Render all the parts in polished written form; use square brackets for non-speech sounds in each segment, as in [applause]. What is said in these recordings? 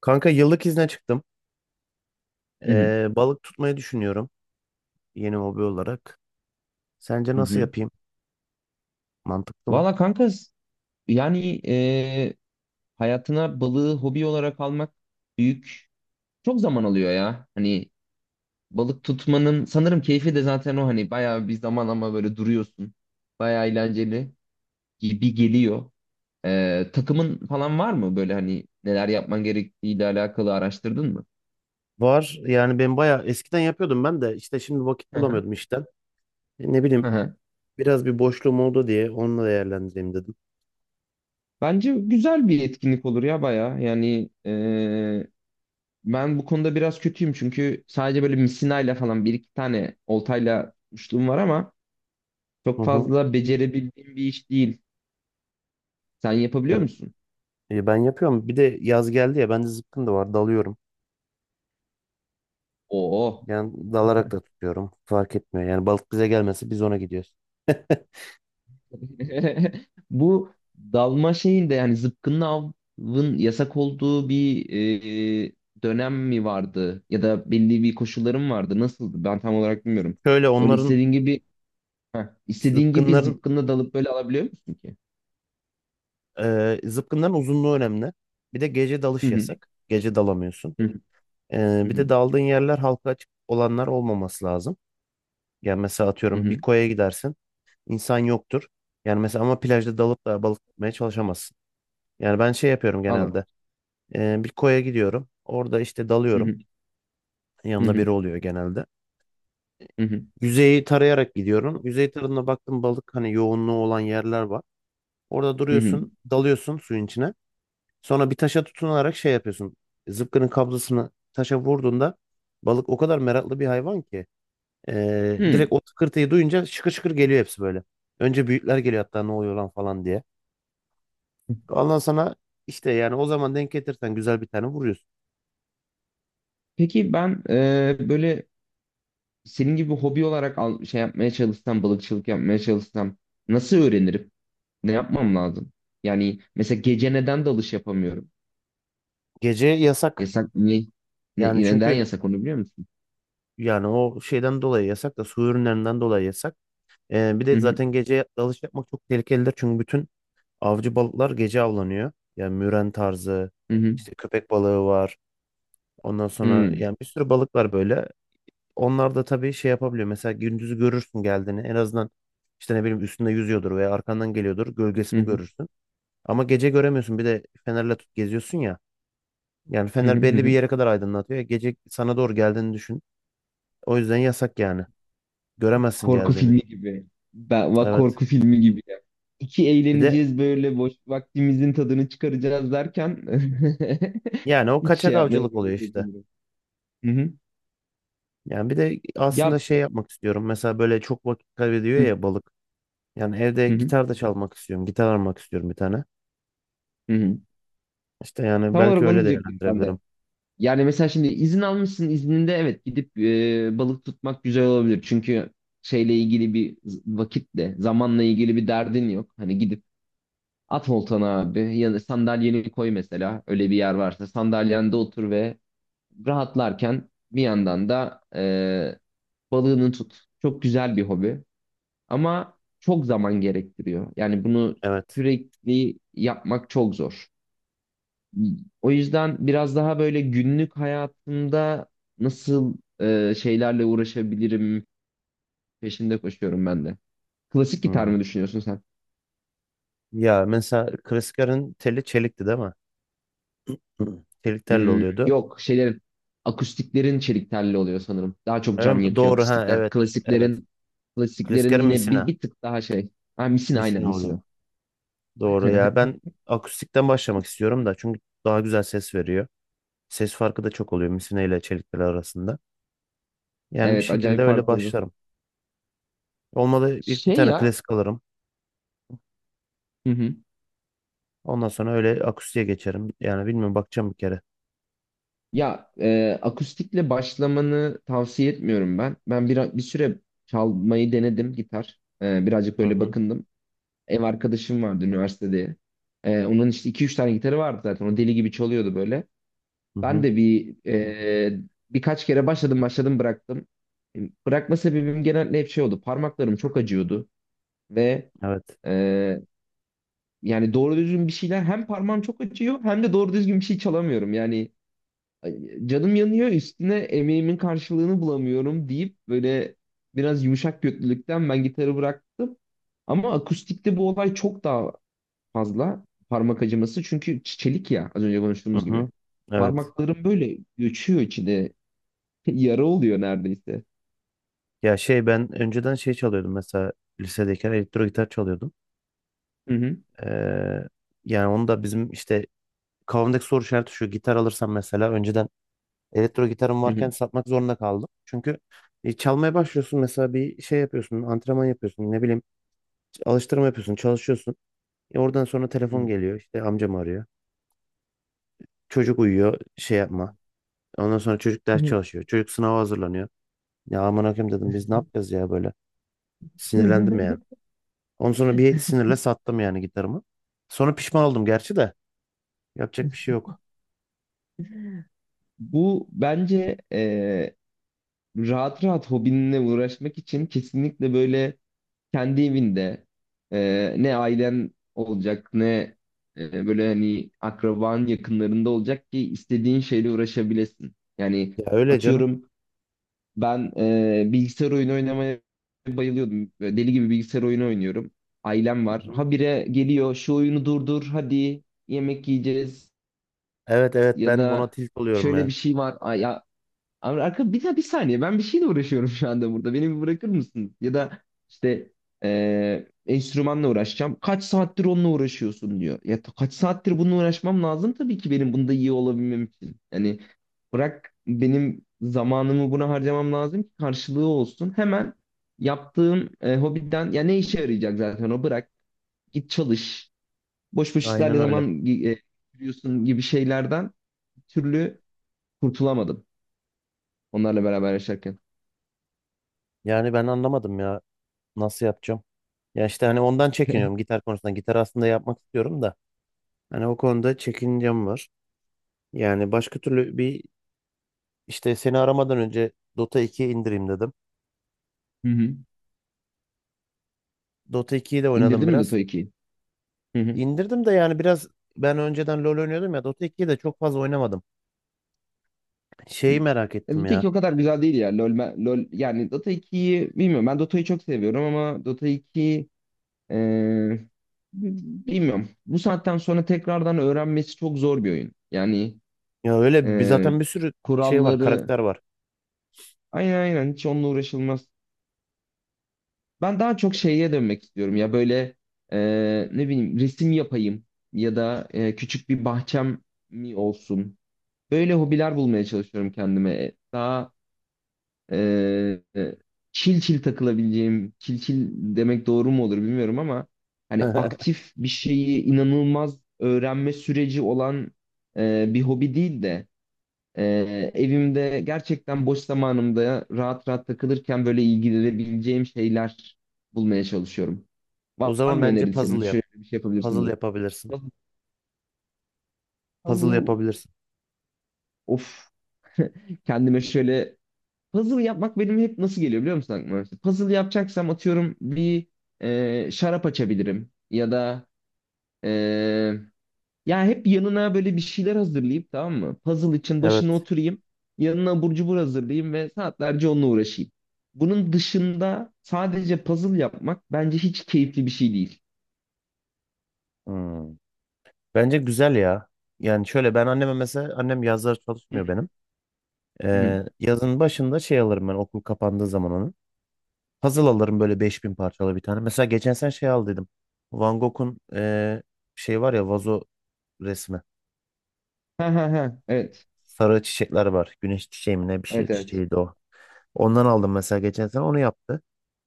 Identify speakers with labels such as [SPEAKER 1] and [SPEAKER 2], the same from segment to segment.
[SPEAKER 1] Kanka yıllık izne çıktım.
[SPEAKER 2] Hı hı.
[SPEAKER 1] Balık tutmayı düşünüyorum yeni hobi olarak. Sence
[SPEAKER 2] Hı
[SPEAKER 1] nasıl
[SPEAKER 2] hı.
[SPEAKER 1] yapayım? Mantıklı mı?
[SPEAKER 2] Valla kanka yani, hayatına balığı hobi olarak almak büyük çok zaman alıyor ya. Hani balık tutmanın sanırım keyfi de zaten o, hani bayağı bir zaman ama böyle duruyorsun. Bayağı eğlenceli gibi geliyor. Takımın falan var mı böyle, hani neler yapman gerektiğiyle alakalı araştırdın mı?
[SPEAKER 1] Var yani ben bayağı eskiden yapıyordum ben de işte şimdi vakit
[SPEAKER 2] Hı hı.
[SPEAKER 1] bulamıyordum işten. Ne
[SPEAKER 2] Hı
[SPEAKER 1] bileyim
[SPEAKER 2] hı.
[SPEAKER 1] biraz bir boşluğum oldu diye onunla değerlendireyim dedim.
[SPEAKER 2] Bence güzel bir etkinlik olur ya bayağı. Yani, ben bu konuda biraz kötüyüm çünkü sadece böyle misinayla falan bir iki tane oltayla tutmuşluğum var ama
[SPEAKER 1] Hı
[SPEAKER 2] çok
[SPEAKER 1] hı.
[SPEAKER 2] fazla becerebildiğim bir iş değil. Sen yapabiliyor
[SPEAKER 1] Ya,
[SPEAKER 2] musun?
[SPEAKER 1] ben yapıyorum. Bir de yaz geldi ya bende zıpkın da var dalıyorum.
[SPEAKER 2] Oo.
[SPEAKER 1] Yani dalarak da tutuyorum. Fark etmiyor. Yani balık bize gelmesi biz ona gidiyoruz.
[SPEAKER 2] [laughs] Bu dalma şeyinde, yani zıpkınlı avın yasak olduğu bir dönem mi vardı? Ya da belli bir koşullarım vardı. Nasıldı? Ben tam olarak bilmiyorum.
[SPEAKER 1] [laughs] Şöyle
[SPEAKER 2] Öyle
[SPEAKER 1] onların
[SPEAKER 2] istediğin gibi heh, istediğin gibi
[SPEAKER 1] zıpkınların
[SPEAKER 2] zıpkınla dalıp böyle alabiliyor musun ki?
[SPEAKER 1] Zıpkınların uzunluğu önemli. Bir de gece
[SPEAKER 2] Hı
[SPEAKER 1] dalış
[SPEAKER 2] hı.
[SPEAKER 1] yasak. Gece dalamıyorsun.
[SPEAKER 2] Hı hı. Hı
[SPEAKER 1] Bir
[SPEAKER 2] hı.
[SPEAKER 1] de daldığın yerler halka açık olanlar olmaması lazım. Yani mesela
[SPEAKER 2] Hı
[SPEAKER 1] atıyorum bir
[SPEAKER 2] hı.
[SPEAKER 1] koya gidersin. İnsan yoktur. Yani mesela ama plajda dalıp da balık tutmaya çalışamazsın. Yani ben şey yapıyorum
[SPEAKER 2] Al al.
[SPEAKER 1] genelde. Bir koya gidiyorum. Orada işte
[SPEAKER 2] Hı
[SPEAKER 1] dalıyorum.
[SPEAKER 2] hı. Hı
[SPEAKER 1] Yanımda
[SPEAKER 2] hı.
[SPEAKER 1] biri oluyor genelde.
[SPEAKER 2] Hı hı.
[SPEAKER 1] Yüzeyi tarayarak gidiyorum. Yüzey tarafına baktım balık hani yoğunluğu olan yerler var. Orada
[SPEAKER 2] Hı hı.
[SPEAKER 1] duruyorsun, dalıyorsun suyun içine. Sonra bir taşa tutunarak şey yapıyorsun. Zıpkının kablosunu taşa vurduğunda balık o kadar meraklı bir hayvan ki
[SPEAKER 2] Hı.
[SPEAKER 1] direkt o tıkırtıyı duyunca şıkır şıkır geliyor hepsi böyle. Önce büyükler geliyor hatta ne oluyor lan falan diye. Ondan sana işte yani o zaman denk getirsen güzel bir tane vuruyorsun.
[SPEAKER 2] Peki, ben böyle senin gibi hobi olarak şey yapmaya çalışsam, balıkçılık yapmaya çalışsam nasıl öğrenirim? Ne yapmam lazım? Yani mesela gece neden dalış yapamıyorum?
[SPEAKER 1] Gece yasak.
[SPEAKER 2] Yasak ne,
[SPEAKER 1] Yani
[SPEAKER 2] neden
[SPEAKER 1] çünkü
[SPEAKER 2] yasak, onu biliyor musun?
[SPEAKER 1] Yani o şeyden dolayı yasak da su ürünlerinden dolayı yasak. Bir de
[SPEAKER 2] Hı hı
[SPEAKER 1] zaten gece dalış yapmak çok tehlikelidir. Çünkü bütün avcı balıklar gece avlanıyor. Yani müren tarzı,
[SPEAKER 2] hı hı
[SPEAKER 1] işte köpek balığı var. Ondan sonra
[SPEAKER 2] hı
[SPEAKER 1] yani bir sürü balık var böyle. Onlar da tabii şey yapabiliyor. Mesela gündüzü görürsün geldiğini. En azından işte ne bileyim üstünde yüzüyordur veya arkandan geliyordur. Gölgesini
[SPEAKER 2] hı
[SPEAKER 1] görürsün. Ama gece göremiyorsun. Bir de fenerle tut geziyorsun ya. Yani
[SPEAKER 2] hı hı
[SPEAKER 1] fener
[SPEAKER 2] hı. hı
[SPEAKER 1] belli bir
[SPEAKER 2] hı.
[SPEAKER 1] yere kadar aydınlatıyor. Gece sana doğru geldiğini düşün. O yüzden yasak yani. Göremezsin
[SPEAKER 2] Korku
[SPEAKER 1] geldiğini.
[SPEAKER 2] filmi gibi. Ben, bak,
[SPEAKER 1] Evet.
[SPEAKER 2] korku filmi gibi ya. İki
[SPEAKER 1] Bir de
[SPEAKER 2] eğleneceğiz böyle, boş vaktimizin tadını çıkaracağız derken
[SPEAKER 1] yani o
[SPEAKER 2] [laughs] hiç
[SPEAKER 1] kaçak
[SPEAKER 2] şey yapmaya
[SPEAKER 1] avcılık oluyor
[SPEAKER 2] gerek yok
[SPEAKER 1] işte.
[SPEAKER 2] sanırım.
[SPEAKER 1] Yani bir de aslında
[SPEAKER 2] Ya,
[SPEAKER 1] şey yapmak istiyorum. Mesela böyle çok vakit kaybediyor
[SPEAKER 2] hı
[SPEAKER 1] ya balık. Yani evde
[SPEAKER 2] hı hı.
[SPEAKER 1] gitar da çalmak istiyorum. Gitar almak istiyorum bir tane.
[SPEAKER 2] Hı hı.
[SPEAKER 1] İşte yani
[SPEAKER 2] Tam
[SPEAKER 1] belki
[SPEAKER 2] olarak onu
[SPEAKER 1] öyle
[SPEAKER 2] diyecektim ben
[SPEAKER 1] değerlendirebilirim.
[SPEAKER 2] de. Yani mesela şimdi izin almışsın, izninde, evet, gidip balık tutmak güzel olabilir. Çünkü şeyle ilgili bir vakitle, zamanla ilgili bir derdin yok. Hani gidip at oltana abi, ya da sandalyeni koy, mesela öyle bir yer varsa sandalyende otur ve rahatlarken bir yandan da balığını tut. Çok güzel bir hobi ama çok zaman gerektiriyor. Yani bunu
[SPEAKER 1] Evet.
[SPEAKER 2] sürekli yapmak çok zor. O yüzden biraz daha böyle günlük hayatımda nasıl şeylerle uğraşabilirim peşinde koşuyorum ben de. Klasik gitar
[SPEAKER 1] Hmm.
[SPEAKER 2] mı düşünüyorsun sen?
[SPEAKER 1] Ya mesela Criscar'ın teli çelikti değil mi? Hı. Çelik telli
[SPEAKER 2] Hmm,
[SPEAKER 1] oluyordu.
[SPEAKER 2] yok akustiklerin çelik telli oluyor sanırım. Daha çok
[SPEAKER 1] Öyle
[SPEAKER 2] can
[SPEAKER 1] mi?
[SPEAKER 2] yakıyor
[SPEAKER 1] Doğru ha
[SPEAKER 2] akustikler.
[SPEAKER 1] evet. Evet.
[SPEAKER 2] Klasiklerin
[SPEAKER 1] Criscar'ın
[SPEAKER 2] yine bir,
[SPEAKER 1] misina.
[SPEAKER 2] bir tık daha şey. Ha, misina, aynen
[SPEAKER 1] Misina oluyor.
[SPEAKER 2] misina.
[SPEAKER 1] Doğru ya ben
[SPEAKER 2] [laughs]
[SPEAKER 1] akustikten başlamak istiyorum da çünkü daha güzel ses veriyor. Ses farkı da çok oluyor misina ile çelik tel arasında. Yani bir
[SPEAKER 2] Evet,
[SPEAKER 1] şekilde
[SPEAKER 2] acayip
[SPEAKER 1] öyle
[SPEAKER 2] fark oluyor.
[SPEAKER 1] başlarım. Olmadı ilk bir
[SPEAKER 2] Şey
[SPEAKER 1] tane
[SPEAKER 2] ya.
[SPEAKER 1] klasik alırım.
[SPEAKER 2] Hı hı.
[SPEAKER 1] Ondan sonra öyle akustiğe geçerim. Yani bilmiyorum bakacağım bir kere.
[SPEAKER 2] Ya, akustikle başlamanı tavsiye etmiyorum ben. Ben bir süre çalmayı denedim gitar. Birazcık
[SPEAKER 1] Hı
[SPEAKER 2] böyle
[SPEAKER 1] hı.
[SPEAKER 2] bakındım. Ev arkadaşım vardı üniversitede. Onun işte iki üç tane gitarı vardı zaten. O deli gibi çalıyordu böyle.
[SPEAKER 1] Hı
[SPEAKER 2] Ben
[SPEAKER 1] hı.
[SPEAKER 2] de birkaç kere başladım bıraktım. E, Bırakma sebebim genelde hep şey oldu. Parmaklarım çok acıyordu ve
[SPEAKER 1] Evet.
[SPEAKER 2] e, yani doğru düzgün bir şeyler, hem parmağım çok acıyor hem de doğru düzgün bir şey çalamıyorum. Yani, ay, canım yanıyor, üstüne emeğimin karşılığını bulamıyorum deyip böyle biraz yumuşak götlülükten ben gitarı bıraktım. Ama akustikte bu olay çok daha fazla parmak acıması, çünkü çelik ya, az önce
[SPEAKER 1] Hı
[SPEAKER 2] konuştuğumuz gibi.
[SPEAKER 1] hı. Evet.
[SPEAKER 2] Parmaklarım böyle göçüyor içinde, [laughs] yara oluyor neredeyse.
[SPEAKER 1] Ya şey ben önceden şey çalıyordum mesela lisedeyken elektro gitar çalıyordum.
[SPEAKER 2] Hı hı,
[SPEAKER 1] Ee, Yani onu da bizim işte kafamdaki soru işareti şu gitar alırsam mesela önceden elektro gitarım
[SPEAKER 2] hı
[SPEAKER 1] varken
[SPEAKER 2] hı,
[SPEAKER 1] satmak zorunda kaldım. Çünkü çalmaya başlıyorsun mesela bir şey yapıyorsun antrenman yapıyorsun ne bileyim alıştırma yapıyorsun çalışıyorsun. Oradan sonra telefon
[SPEAKER 2] hı
[SPEAKER 1] geliyor işte amcam arıyor. Çocuk uyuyor şey yapma. Ondan sonra çocuk ders
[SPEAKER 2] hı.
[SPEAKER 1] çalışıyor. Çocuk sınava hazırlanıyor. Ya aman hakim dedim biz ne yapacağız ya böyle. Sinirlendim yani.
[SPEAKER 2] [laughs]
[SPEAKER 1] Ondan sonra bir sinirle sattım yani gitarımı. Sonra pişman oldum gerçi de. Yapacak bir şey yok.
[SPEAKER 2] Bu bence, rahat rahat hobinle uğraşmak için kesinlikle böyle kendi evinde, ne ailen olacak ne böyle hani akraban yakınlarında olacak ki istediğin şeyle uğraşabilesin. Yani
[SPEAKER 1] Ya öyle canım.
[SPEAKER 2] atıyorum, ben bilgisayar oyunu oynamaya bayılıyordum. Böyle deli gibi bilgisayar oyunu oynuyorum. Ailem
[SPEAKER 1] Hı
[SPEAKER 2] var.
[SPEAKER 1] hı.
[SPEAKER 2] Habire geliyor, şu oyunu durdur, hadi yemek yiyeceğiz,
[SPEAKER 1] Evet, evet,
[SPEAKER 2] ya
[SPEAKER 1] ben ona
[SPEAKER 2] da
[SPEAKER 1] tilt oluyorum
[SPEAKER 2] şöyle
[SPEAKER 1] ya.
[SPEAKER 2] bir şey var. Ay, ya, abi, bir saniye, ben bir şeyle uğraşıyorum şu anda burada. Beni bir bırakır mısın? Ya da işte, enstrümanla uğraşacağım. Kaç saattir onunla uğraşıyorsun diyor. Ya, kaç saattir bununla uğraşmam lazım tabii ki benim bunda iyi olabilmem için. Yani bırak, benim zamanımı buna harcamam lazım ki karşılığı olsun. Hemen yaptığım hobiden ya ne işe yarayacak zaten, o bırak. Git çalış. Boş boş işlerle
[SPEAKER 1] Aynen öyle.
[SPEAKER 2] zaman geçiriyorsun gibi şeylerden bir türlü kurtulamadım, onlarla beraber yaşarken.
[SPEAKER 1] Yani ben anlamadım ya nasıl yapacağım. Ya işte hani ondan
[SPEAKER 2] [laughs]
[SPEAKER 1] çekiniyorum gitar konusunda. Gitar aslında yapmak istiyorum da. Hani o konuda çekincem var. Yani başka türlü bir işte seni aramadan önce Dota 2'yi indireyim dedim.
[SPEAKER 2] Hı hı.
[SPEAKER 1] Dota 2'yi de oynadım
[SPEAKER 2] İndirdin mi
[SPEAKER 1] biraz.
[SPEAKER 2] Dota 2'yi? Hı hı.
[SPEAKER 1] İndirdim de yani biraz ben önceden LoL oynuyordum ya Dota 2'yi de çok fazla oynamadım.
[SPEAKER 2] Hı.
[SPEAKER 1] Şeyi merak ettim
[SPEAKER 2] Dota
[SPEAKER 1] ya.
[SPEAKER 2] 2 o kadar güzel değil ya. LoL yani, Dota 2'yi bilmiyorum. Ben Dota'yı çok seviyorum ama Dota 2, e, bilmiyorum. Bu saatten sonra tekrardan öğrenmesi çok zor bir oyun. Yani
[SPEAKER 1] Ya öyle bir
[SPEAKER 2] e,
[SPEAKER 1] zaten bir sürü şey var,
[SPEAKER 2] kuralları,
[SPEAKER 1] karakter var.
[SPEAKER 2] aynen aynen, hiç onunla uğraşılmaz. Ben daha çok şeye dönmek istiyorum ya, böyle e, ne bileyim, resim yapayım ya da küçük bir bahçem mi olsun. Böyle hobiler bulmaya çalışıyorum kendime. Daha Ee, çil çil takılabileceğim, çil çil demek doğru mu olur bilmiyorum ama hani
[SPEAKER 1] [laughs]
[SPEAKER 2] aktif bir şeyi inanılmaz öğrenme süreci olan bir hobi değil de, e, evimde gerçekten boş zamanımda rahat rahat takılırken böyle ilgilenebileceğim şeyler bulmaya çalışıyorum.
[SPEAKER 1] O
[SPEAKER 2] Var, var
[SPEAKER 1] zaman
[SPEAKER 2] mı
[SPEAKER 1] bence
[SPEAKER 2] önerin senin?
[SPEAKER 1] puzzle yap.
[SPEAKER 2] Şöyle bir şey yapabilirsin
[SPEAKER 1] Puzzle
[SPEAKER 2] diye.
[SPEAKER 1] yapabilirsin.
[SPEAKER 2] Puzzle,
[SPEAKER 1] Puzzle
[SPEAKER 2] puzzle-
[SPEAKER 1] yapabilirsin.
[SPEAKER 2] of. [laughs] Kendime şöyle, puzzle yapmak benim hep nasıl geliyor biliyor musun aklıma? İşte, puzzle yapacaksam atıyorum bir şarap açabilirim ya da e, ya hep yanına böyle bir şeyler hazırlayıp, tamam mı? Puzzle için başına
[SPEAKER 1] Evet.
[SPEAKER 2] oturayım. Yanına abur cubur hazırlayayım ve saatlerce onunla uğraşayım. Bunun dışında sadece puzzle yapmak bence hiç keyifli bir şey değil.
[SPEAKER 1] Hmm. Bence güzel ya. Yani şöyle ben anneme mesela annem yazları çalışmıyor benim.
[SPEAKER 2] Hı hı.
[SPEAKER 1] Yazın başında şey alırım ben okul kapandığı zaman onu. Puzzle alırım böyle 5.000 parçalı bir tane. Mesela geçen sen şey al dedim. Van Gogh'un şey var ya vazo resmi.
[SPEAKER 2] Ha ha ha. Evet.
[SPEAKER 1] Sarı çiçekler var. Güneş çiçeği mi ne bir şey
[SPEAKER 2] Evet evet.
[SPEAKER 1] çiçeğiydi o. Ondan aldım mesela geçen sene onu yaptı.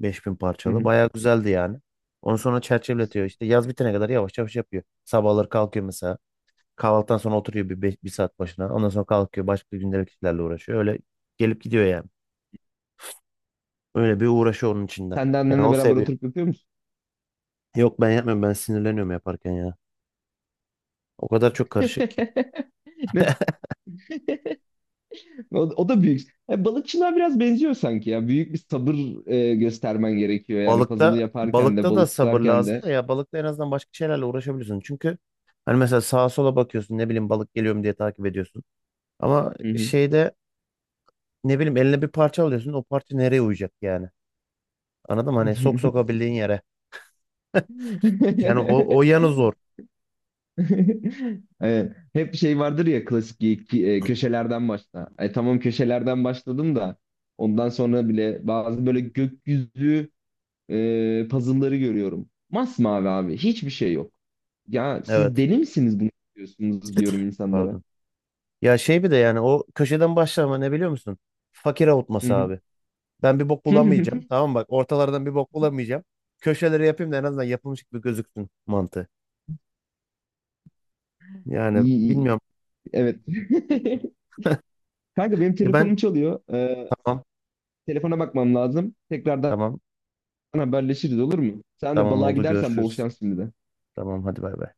[SPEAKER 1] 5.000
[SPEAKER 2] Hı
[SPEAKER 1] parçalı.
[SPEAKER 2] hı.
[SPEAKER 1] Bayağı güzeldi yani. Onu sonra çerçeveletiyor işte. Yaz bitene kadar yavaş yavaş yapıyor. Sabahları kalkıyor mesela. Kahvaltıdan sonra oturuyor bir, bir saat başına. Ondan sonra kalkıyor. Başka gündelik işlerle uğraşıyor. Öyle gelip gidiyor yani. Öyle bir uğraşı onun içinde.
[SPEAKER 2] Sen de
[SPEAKER 1] Yani
[SPEAKER 2] annenle
[SPEAKER 1] o
[SPEAKER 2] beraber
[SPEAKER 1] seviyor.
[SPEAKER 2] oturup yapıyor musun?
[SPEAKER 1] Yok ben yapmıyorum. Ben sinirleniyorum yaparken ya. O kadar çok karışık ki.
[SPEAKER 2] [laughs] Ne, o, o da büyük. Balıkçılığa biraz benziyor sanki ya. Büyük bir sabır göstermen gerekiyor yani puzzle'ı
[SPEAKER 1] Balıkta
[SPEAKER 2] yaparken de
[SPEAKER 1] Balıkta da
[SPEAKER 2] balık
[SPEAKER 1] sabır
[SPEAKER 2] tutarken
[SPEAKER 1] lazım
[SPEAKER 2] de.
[SPEAKER 1] da ya balıkta en azından başka şeylerle uğraşabiliyorsun. Çünkü hani mesela sağa sola bakıyorsun ne bileyim balık geliyor mu diye takip ediyorsun. Ama
[SPEAKER 2] Hı hı.
[SPEAKER 1] şeyde ne bileyim eline bir parça alıyorsun o parça nereye uyacak yani? Anladın mı? Hani sok
[SPEAKER 2] [laughs]
[SPEAKER 1] sokabildiğin yere. Yani o yanı zor.
[SPEAKER 2] Evet. Hep şey vardır ya klasik, köşelerden başla. Tamam, köşelerden başladım da ondan sonra bile bazı böyle gökyüzü puzzle'ları görüyorum. Masmavi abi, hiçbir şey yok. Ya, siz
[SPEAKER 1] Evet.
[SPEAKER 2] deli misiniz bunu diyorsunuz diyorum insanlara.
[SPEAKER 1] Pardon. Ya şey bir de yani o köşeden başlama ne biliyor musun? Fakir
[SPEAKER 2] Hı
[SPEAKER 1] avutması
[SPEAKER 2] hı.
[SPEAKER 1] abi. Ben bir bok bulamayacağım.
[SPEAKER 2] [laughs]
[SPEAKER 1] Tamam mı? Bak ortalardan bir bok bulamayacağım. Köşeleri yapayım da en azından yapılmış gibi gözüksün mantığı. Yani
[SPEAKER 2] İyi, iyi.
[SPEAKER 1] bilmiyorum.
[SPEAKER 2] Evet. [laughs] Kanka benim
[SPEAKER 1] E ben
[SPEAKER 2] telefonum çalıyor. Ee,
[SPEAKER 1] tamam,
[SPEAKER 2] telefona bakmam lazım. Tekrardan
[SPEAKER 1] tamam,
[SPEAKER 2] haberleşiriz olur mu? Sen de
[SPEAKER 1] tamam,
[SPEAKER 2] balığa
[SPEAKER 1] oldu
[SPEAKER 2] gidersen bol
[SPEAKER 1] görüşürüz.
[SPEAKER 2] şans şimdi de.
[SPEAKER 1] Tamam hadi bay bay.